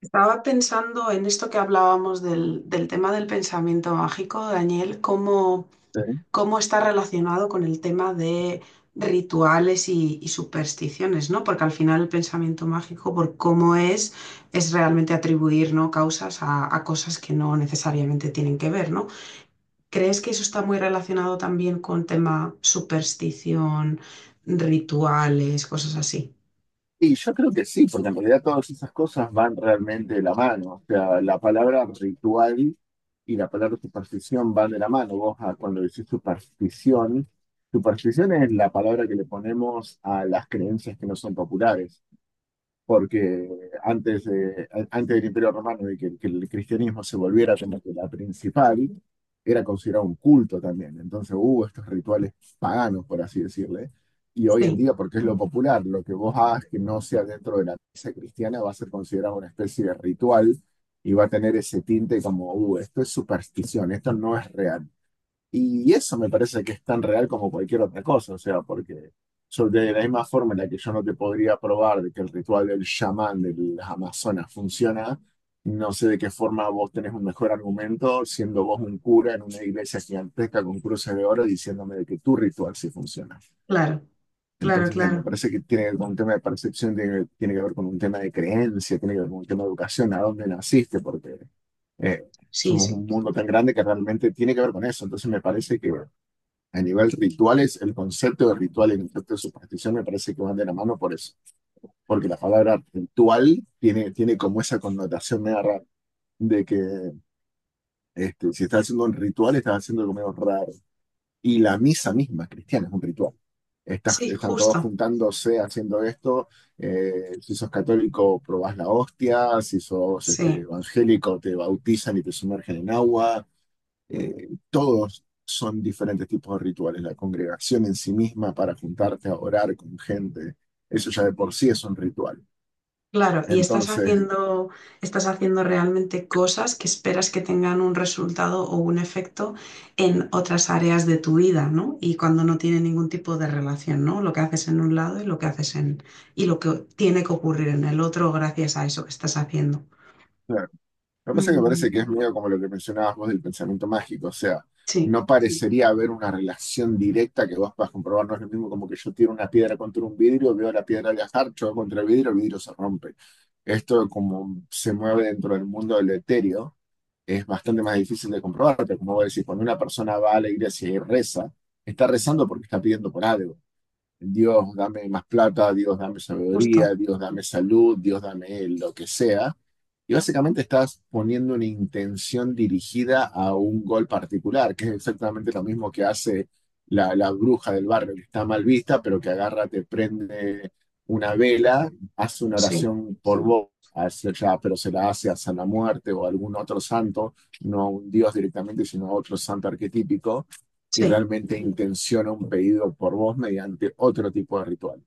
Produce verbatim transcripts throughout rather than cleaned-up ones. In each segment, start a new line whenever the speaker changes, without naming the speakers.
Estaba pensando en esto que hablábamos del, del tema del pensamiento mágico, Daniel, cómo,
Sí.
cómo está relacionado con el tema de rituales y, y supersticiones, ¿no? Porque al final el pensamiento mágico, por cómo es, es realmente atribuir, ¿no?, causas a, a cosas que no necesariamente tienen que ver, ¿no? ¿Crees que eso está muy relacionado también con tema superstición, rituales, cosas así?
Y yo creo que sí, porque en realidad todas esas cosas van realmente de la mano. O sea, la palabra ritual y la palabra superstición van de la mano. Vos ah, cuando decís superstición, superstición es la palabra que le ponemos a las creencias que no son populares. Porque antes, de- a- antes del Imperio Romano y que, que el cristianismo se volviera como que la principal, era considerado un culto también. Entonces hubo estos rituales paganos, por así decirle. Y hoy en
Sí,
día, porque es lo popular, lo que vos hagas que no sea dentro de la misa cristiana va a ser considerado una especie de ritual, y va a tener ese tinte como, uh, esto es superstición, esto no es real. Y eso me parece que es tan real como cualquier otra cosa, o sea, porque sobre de la misma forma en la que yo no te podría probar de que el ritual del chamán de las Amazonas funciona, no sé de qué forma vos tenés un mejor argumento siendo vos un cura en una iglesia gigantesca con cruces de oro diciéndome de que tu ritual sí funciona.
claro, claro,
Entonces, eh, me
claro.
parece que tiene que ver con un tema de percepción, tiene, tiene que ver con un tema de creencia, tiene que ver con un tema de educación, a dónde naciste, porque eh,
Sí,
somos un
sí.
mundo tan grande que realmente tiene que ver con eso. Entonces me parece que a nivel rituales, el concepto de ritual y el concepto de superstición me parece que van de la mano por eso. Porque la palabra ritual tiene, tiene como esa connotación media rara de que, este, si estás haciendo un ritual, estás haciendo algo medio raro. Y la misa misma cristiana es un ritual. Estás,
Sí,
están todos
justo.
juntándose haciendo esto. eh, si sos católico, probás la hostia. Si sos, este,
Sí,
evangélico, te bautizan y te sumergen en agua. Eh, todos son diferentes tipos de rituales. La congregación en sí misma para juntarte a orar con gente, eso ya de por sí es un ritual.
claro, y estás
Entonces,
haciendo, estás haciendo realmente cosas que esperas que tengan un resultado o un efecto en otras áreas de tu vida, ¿no? Y cuando no tiene ningún tipo de relación, ¿no?, lo que haces en un lado y lo que haces en, y lo que tiene que ocurrir en el otro gracias a eso que estás haciendo.
claro, lo que pasa es que me parece
Ujú,
que es medio como lo que mencionabas vos del pensamiento mágico. O sea,
sí,
no parecería haber una relación directa que vos puedas comprobar. No es lo mismo como que yo tiro una piedra contra un vidrio, veo la piedra viajar, choco contra el vidrio, el vidrio se rompe. Esto como se mueve dentro del mundo del etéreo es bastante más difícil de comprobar, pero como voy a decir, cuando una persona va a la iglesia y reza, está rezando porque está pidiendo por algo. Dios, dame más plata, Dios, dame
justo,
sabiduría, Dios, dame salud, Dios, dame lo que sea, y básicamente estás poniendo una intención dirigida a un gol particular, que es exactamente lo mismo que hace la, la bruja del barrio, que está mal vista, pero que agarra, te prende una vela, hace una
sí,
oración por vos, a ese- ya, pero se la hace a San la Muerte o a algún otro santo, no a un dios directamente, sino a otro santo arquetípico, y
sí,
realmente intenciona un pedido por vos mediante otro tipo de ritual.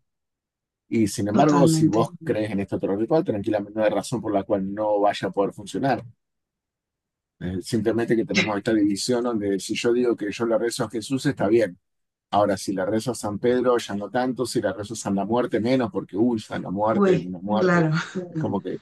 Y sin embargo, si vos
totalmente.
crees en este otro ritual, tranquilamente no hay razón por la cual no vaya a poder funcionar. Eh, simplemente que tenemos esta división donde si yo digo que yo le rezo a Jesús, está bien. Ahora, si le rezo a San Pedro, ya no tanto. Si le rezo a San la Muerte, menos, porque, uy, San la Muerte es
Uy,
una muerte.
claro,
Como que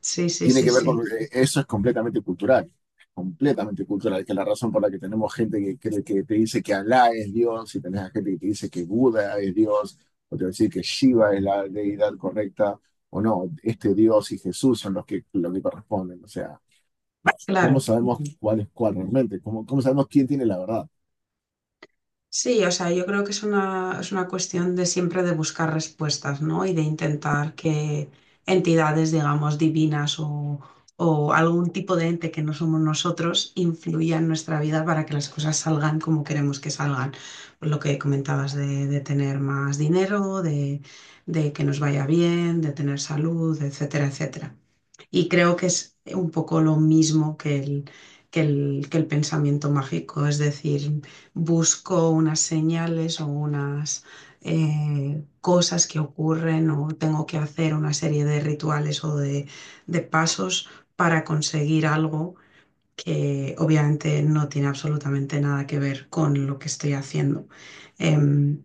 sí, sí,
tiene
sí,
que ver con
sí,
eso, es completamente cultural, completamente cultural, que es la razón por la que tenemos gente que cree que te dice que Alá es Dios, y tenés a gente que te dice que Buda es Dios, o te va a decir que Shiva es la deidad correcta, o no, este Dios y Jesús son los que, los que corresponden. O sea, ¿cómo
claro.
sabemos cuál es cuál realmente? ¿Cómo, cómo sabemos quién tiene la verdad?
Sí, o sea, yo creo que es una, es una cuestión de siempre de buscar respuestas, ¿no? Y de intentar que entidades, digamos, divinas o, o algún tipo de ente que no somos nosotros influya en nuestra vida para que las cosas salgan como queremos que salgan. Lo que comentabas de, de tener más dinero, de, de que nos vaya bien, de tener salud, etcétera, etcétera. Y creo que es un poco lo mismo que el, que el, que el pensamiento mágico, es decir, busco unas señales o unas eh, cosas que ocurren o tengo que hacer una serie de rituales o de, de pasos para conseguir algo que obviamente no tiene absolutamente nada que ver con lo que estoy haciendo. Em,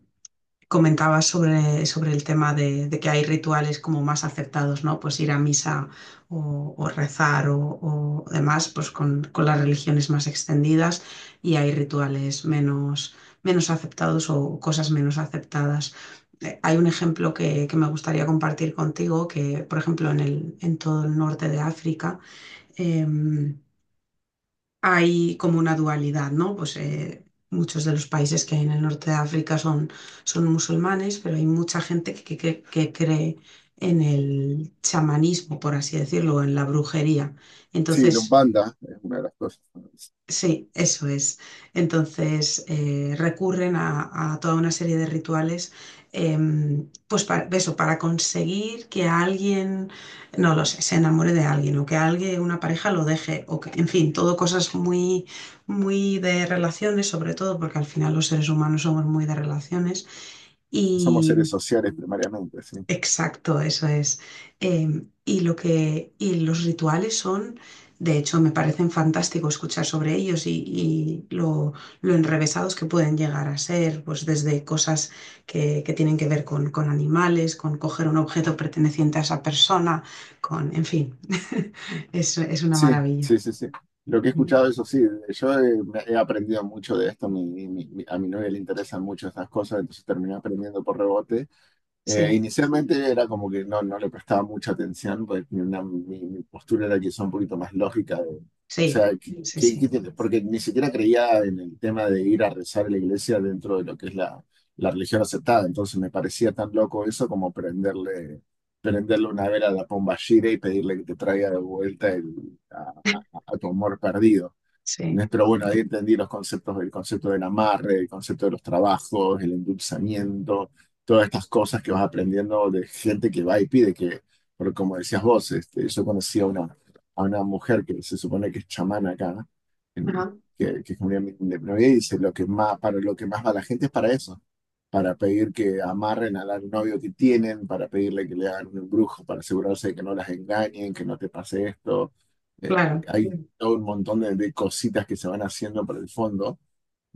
Comentabas sobre, sobre el tema de, de que hay rituales como más aceptados, ¿no? Pues ir a misa o, o rezar o, o demás, pues con, con las religiones más extendidas y hay rituales menos, menos aceptados o cosas menos aceptadas. Eh, Hay un ejemplo que, que me gustaría compartir contigo, que por ejemplo en el, en todo el norte de África, em, hay como una dualidad, ¿no? Pues eh, muchos de los países que hay en el norte de África son, son musulmanes, pero hay mucha gente que, que- que cree en el chamanismo, por así decirlo, en la brujería.
Sí, la
Entonces,
Umbanda es una de las cosas.
sí, eso es. Entonces eh, recurren a, a toda una serie de rituales, em, pues para eso, para conseguir que alguien, no lo sé, se enamore de alguien o que alguien, una pareja lo deje, o que, en fin, todo cosas muy, muy de relaciones, sobre todo porque al final los seres humanos somos muy de relaciones.
Somos seres sociales primariamente, sí.
Exacto, eso es. Em, y lo que, y los rituales son, de hecho, me parecen fantástico escuchar sobre ellos y, y lo, lo enrevesados que pueden llegar a ser, pues desde cosas que, que tienen que ver con, con animales, con coger un objeto perteneciente a esa persona, con, en fin, es, es una
Sí,
maravilla.
sí, sí, sí. Lo que he
Mm,
escuchado, eso sí, yo he, me- he aprendido mucho de esto, mi- mi- mi- a mi novia le interesan mucho estas cosas, entonces terminé aprendiendo por rebote. Eh,
sí,
inicialmente era como que no, no le prestaba mucha atención, porque tenía una- mi, mi postura era quizá un poquito más lógica. De- o
sí,
sea, ¿qué-
sí,
qué- qué
sí,
tiene? Porque ni siquiera creía en el tema de ir a rezar a la iglesia dentro de lo que es la, la religión aceptada. Entonces me parecía tan loco eso como prenderle, prenderle una vela a la pomba gira y pedirle que te traiga de vuelta el- a, a- a tu amor perdido,
sí.
¿no? Pero bueno, ahí entendí los conceptos, el concepto del amarre, el concepto de los trabajos, el endulzamiento, todas estas cosas que vas aprendiendo de gente que va y pide que, porque como decías vos, este, yo conocí a una, a una mujer que se supone que es chamana acá, en-
Ajá,
que, que es comunidad independiente, y dice, lo que más, para lo que más va la gente es para eso, para pedir que amarren al novio que tienen, para pedirle que le hagan un embrujo, para asegurarse de que no las engañen, que no te pase esto. Eh,
claro.
hay todo un montón de, de cositas que se van haciendo por el fondo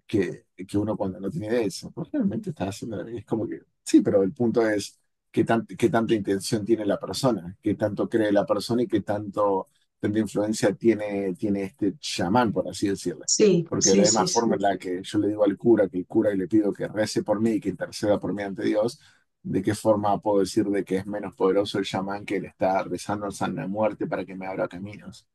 que, que uno cuando no tiene idea dice, pues realmente estás haciendo, y es como que, sí, pero el punto es qué, tan- qué tanta intención tiene la persona, qué tanto cree la persona y qué tanto, tanta influencia tiene, tiene este chamán, por así decirlo.
Sí,
Porque de la
sí,
misma
sí,
forma en
sí.
la que yo le digo al cura que el cura y le pido que rece por mí y que interceda por mí ante Dios, ¿de qué forma puedo decir de que es menos poderoso el chamán que le está rezando al San la Muerte para que me abra caminos?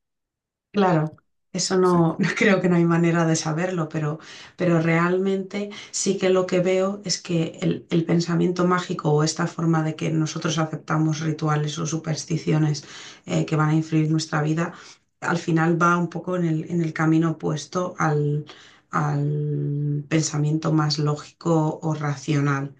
Claro, eso
Entonces, es
no, no
como,
creo que no hay manera de saberlo, pero, pero realmente sí que lo que veo es que el, el pensamiento mágico o esta forma de que nosotros aceptamos rituales o supersticiones eh, que van a influir nuestra vida, al final va un poco en el, en el camino opuesto al, al pensamiento más lógico o racional.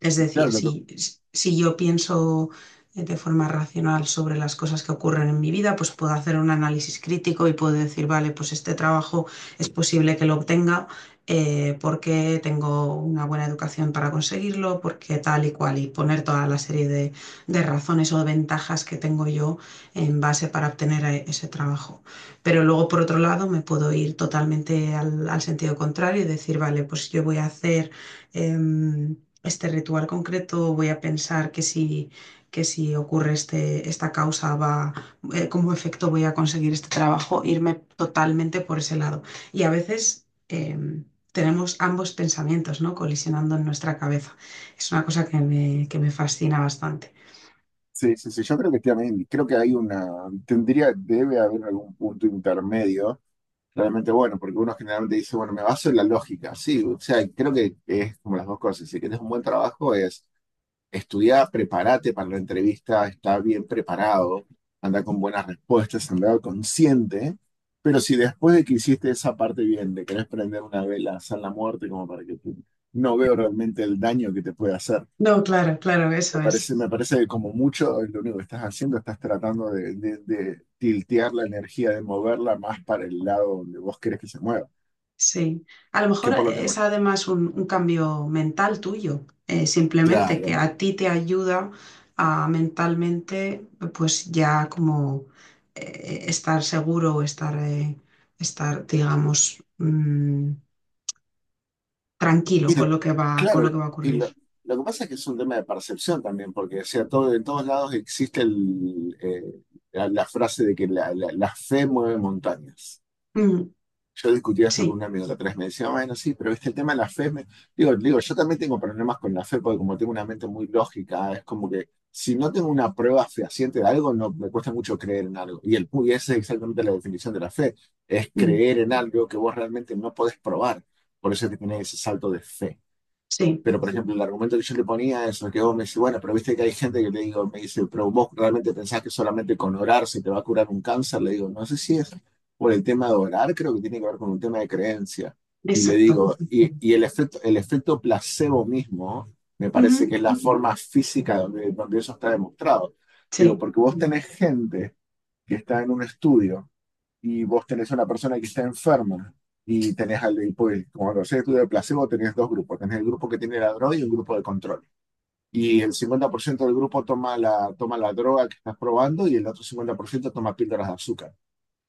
Es
claro,
decir,
lo que...
si, si yo pienso eh, de forma racional sobre las cosas que ocurren en mi vida, pues puedo hacer un análisis crítico y puedo decir, vale, pues este trabajo es posible que lo obtenga eh, porque tengo una buena educación para conseguirlo, porque tal y cual, y poner toda la serie de, de razones o de ventajas que tengo yo en base para obtener eh, ese trabajo. Pero luego, por otro lado, me puedo ir totalmente al, al sentido contrario y decir, vale, pues yo voy a hacer... em, este ritual concreto, voy a pensar que si, que si ocurre este, esta causa, va, eh, como efecto voy a conseguir este trabajo, irme totalmente por ese lado. Y a veces em, tenemos ambos pensamientos, ¿no?, colisionando en nuestra cabeza. Es una cosa que me, que me fascina bastante.
Sí, sí, sí, yo creo que también, creo que hay una, tendría, debe haber algún punto intermedio, realmente bueno, porque uno generalmente dice, bueno, me baso en la lógica, sí, o sea, creo que es como las dos cosas, si quieres un buen trabajo es estudiar, prepárate para la entrevista, está bien preparado, anda con buenas respuestas, andar consciente, pero si después de que hiciste esa parte bien, de querés prender una vela, hacer la muerte, como para que tú, no veo realmente el daño que te puede hacer.
No, claro, claro, eso
Me
es.
parece, me parece como mucho, lo único que estás haciendo, estás tratando de, de- de tiltear la energía, de moverla más para el lado donde vos querés que se mueva,
Sí, a lo
que
mejor
por lo que
es
más.
además un, un cambio mental tuyo, eh, simplemente que
Claro.
a ti te ayuda a mentalmente, pues ya como eh, estar seguro o estar, eh, estar, digamos, mm, tranquilo
Y
con
lo-
lo que va, con
claro,
lo que va a
y lo,
ocurrir.
lo que pasa es que es un tema de percepción también, porque o sea, todo, en todos lados existe el, eh, la- la frase de que la, la- la fe mueve montañas.
Mm,
Yo discutía esto con
sí,
un amigo la otra vez, me decía, bueno, sí, pero viste el tema de la fe. me- Digo, digo, yo también tengo problemas con la fe porque como tengo una mente muy lógica, es como que si no tengo una prueba fehaciente de algo, no me cuesta mucho creer en algo. Y el pu- y esa es exactamente la definición de la fe, es
mm,
creer en algo que vos realmente no podés probar. Por eso es que tenés ese salto de fe.
sí,
Pero, por ejemplo, el argumento que yo le ponía es que vos me decís, bueno, pero viste que hay gente que le digo, me dice, pero vos realmente pensás que solamente con orar se te va a curar un cáncer. Le digo, no sé si es por el tema de orar, creo que tiene que ver con un tema de creencia. Y le
exacto.
digo, y, y el efecto, el efecto placebo mismo, me parece que
Ujú,
es la forma física donde, donde eso está demostrado. Digo,
sí,
porque vos tenés gente que está en un estudio y vos tenés a una persona que está enferma y tenés al y pues, como lo sé, tú de placebo tenés dos grupos, tenés el grupo que tiene la droga y un grupo de control. Y el cincuenta por ciento del grupo toma la, toma la droga que estás probando y el otro cincuenta por ciento toma píldoras de azúcar.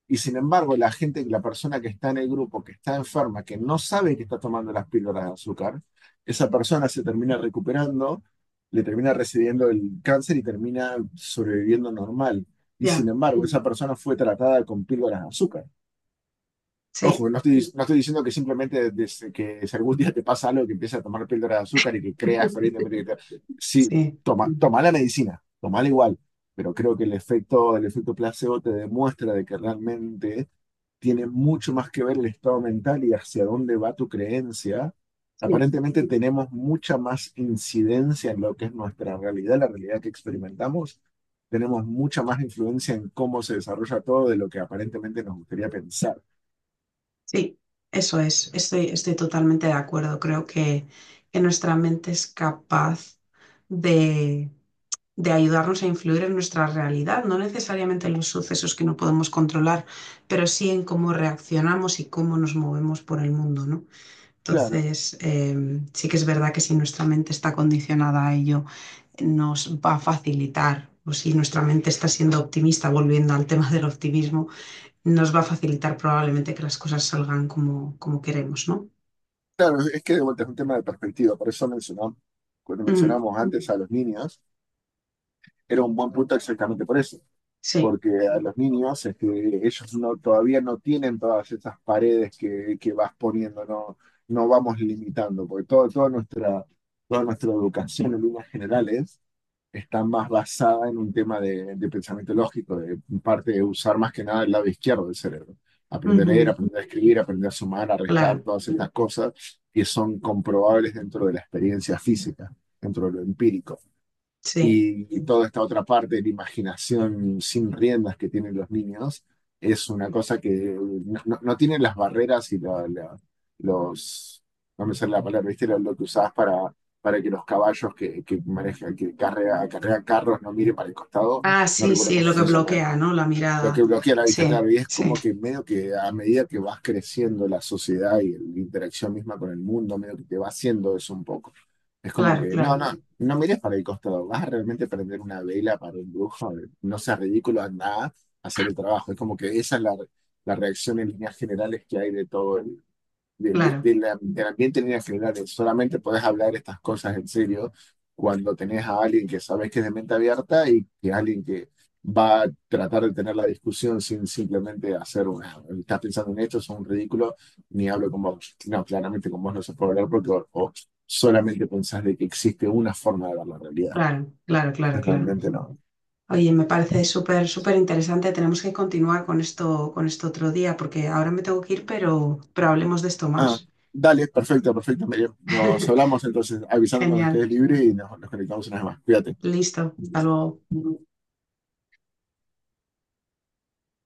Y sin embargo, la gente, la persona que está en el grupo, que está enferma, que no sabe que está tomando las píldoras de azúcar, esa persona se termina recuperando, le termina recibiendo el cáncer y termina sobreviviendo normal. Y
ya,
sin embargo, esa persona fue tratada con píldoras de azúcar.
sí,
Ojo, no estoy, no estoy diciendo que simplemente desde que si algún día te pasa algo que empiezas a tomar píldora de azúcar y que creas fervientemente que te... Sí,
sí,
toma, toma la medicina, tomala igual, pero creo que el efecto, el efecto placebo te demuestra de que realmente tiene mucho más que ver el estado mental y hacia dónde va tu creencia.
sí.
Aparentemente tenemos mucha más incidencia en lo que es nuestra realidad, la realidad que experimentamos. Tenemos mucha más influencia en cómo se desarrolla todo de lo que aparentemente nos gustaría pensar.
Sí, eso es. Estoy, estoy totalmente de acuerdo. Creo que, que nuestra mente es capaz de, de ayudarnos a influir en nuestra realidad, no necesariamente en los sucesos que no podemos controlar, pero sí en cómo reaccionamos y cómo nos movemos por el mundo, ¿no?
Claro.
Entonces, eh, sí que es verdad que si nuestra mente está condicionada a ello, nos va a facilitar. O si nuestra mente está siendo optimista, volviendo al tema del optimismo, nos va a facilitar probablemente que las cosas salgan como, como queremos, ¿no?
Claro, es que de vuelta es un tema de perspectiva, por eso mencionamos, cuando
Ujú,
mencionamos antes a los niños, era un buen punto exactamente por eso,
sí,
porque a los niños este, ellos no, todavía no tienen todas esas paredes que, que vas poniendo, no, no vamos limitando, porque todo, toda nuestra, toda nuestra educación en líneas generales está más basada en un tema de, de pensamiento lógico, de parte de usar más que nada el lado izquierdo del cerebro. Aprender a leer,
ujú,
aprender a escribir, aprender a sumar, a restar,
claro,
todas estas cosas que son comprobables dentro de la experiencia física, dentro de lo empírico,
sí.
y, y toda esta otra parte de la imaginación sin riendas que tienen los niños es una cosa que no, no- no tiene las barreras y la- la- los, no me sale la palabra, ¿viste? Lo, lo que usabas para, para que los caballos que, que manejan, que carrea- acarrean carros no miren para el costado,
Ah,
no
sí,
recuerdo
sí,
cómo
lo que
se llama
bloquea, ¿no?, la
lo
mirada.
que bloquea la vista,
Sí,
claro, y es
sí,
como que medio que a medida que vas creciendo la sociedad y la interacción misma con el mundo, medio que te va haciendo eso un poco. Es como
claro,
que, no, no,
claro,
no mires para el costado, vas a realmente prender una vela para un brujo, eh, no seas ridículo, anda a hacer el trabajo. Es como que esa es la, la reacción en líneas generales que hay de todo, de- de-
claro,
de la- del ambiente en líneas generales. Solamente puedes hablar estas cosas en serio cuando tenés a alguien que sabes que es de mente abierta y que alguien que va a tratar de tener la discusión sin simplemente hacer una, estás pensando en esto, es un ridículo, ni hablo con vos. No, claramente con vos no se puede hablar porque o- o solamente pensás de que existe una forma de ver la realidad.
claro, claro, claro, claro.
Realmente no.
Oye, me parece súper, súper interesante. Tenemos que continuar con esto, con esto otro día, porque ahora me tengo que ir, pero, pero hablemos de esto
Ah,
más.
dale, perfecto, perfecto, Miriam. Nos hablamos entonces, avisando cuando
Genial.
estés libre y nos, nos conectamos una vez más. Cuídate.
Listo. Hasta luego.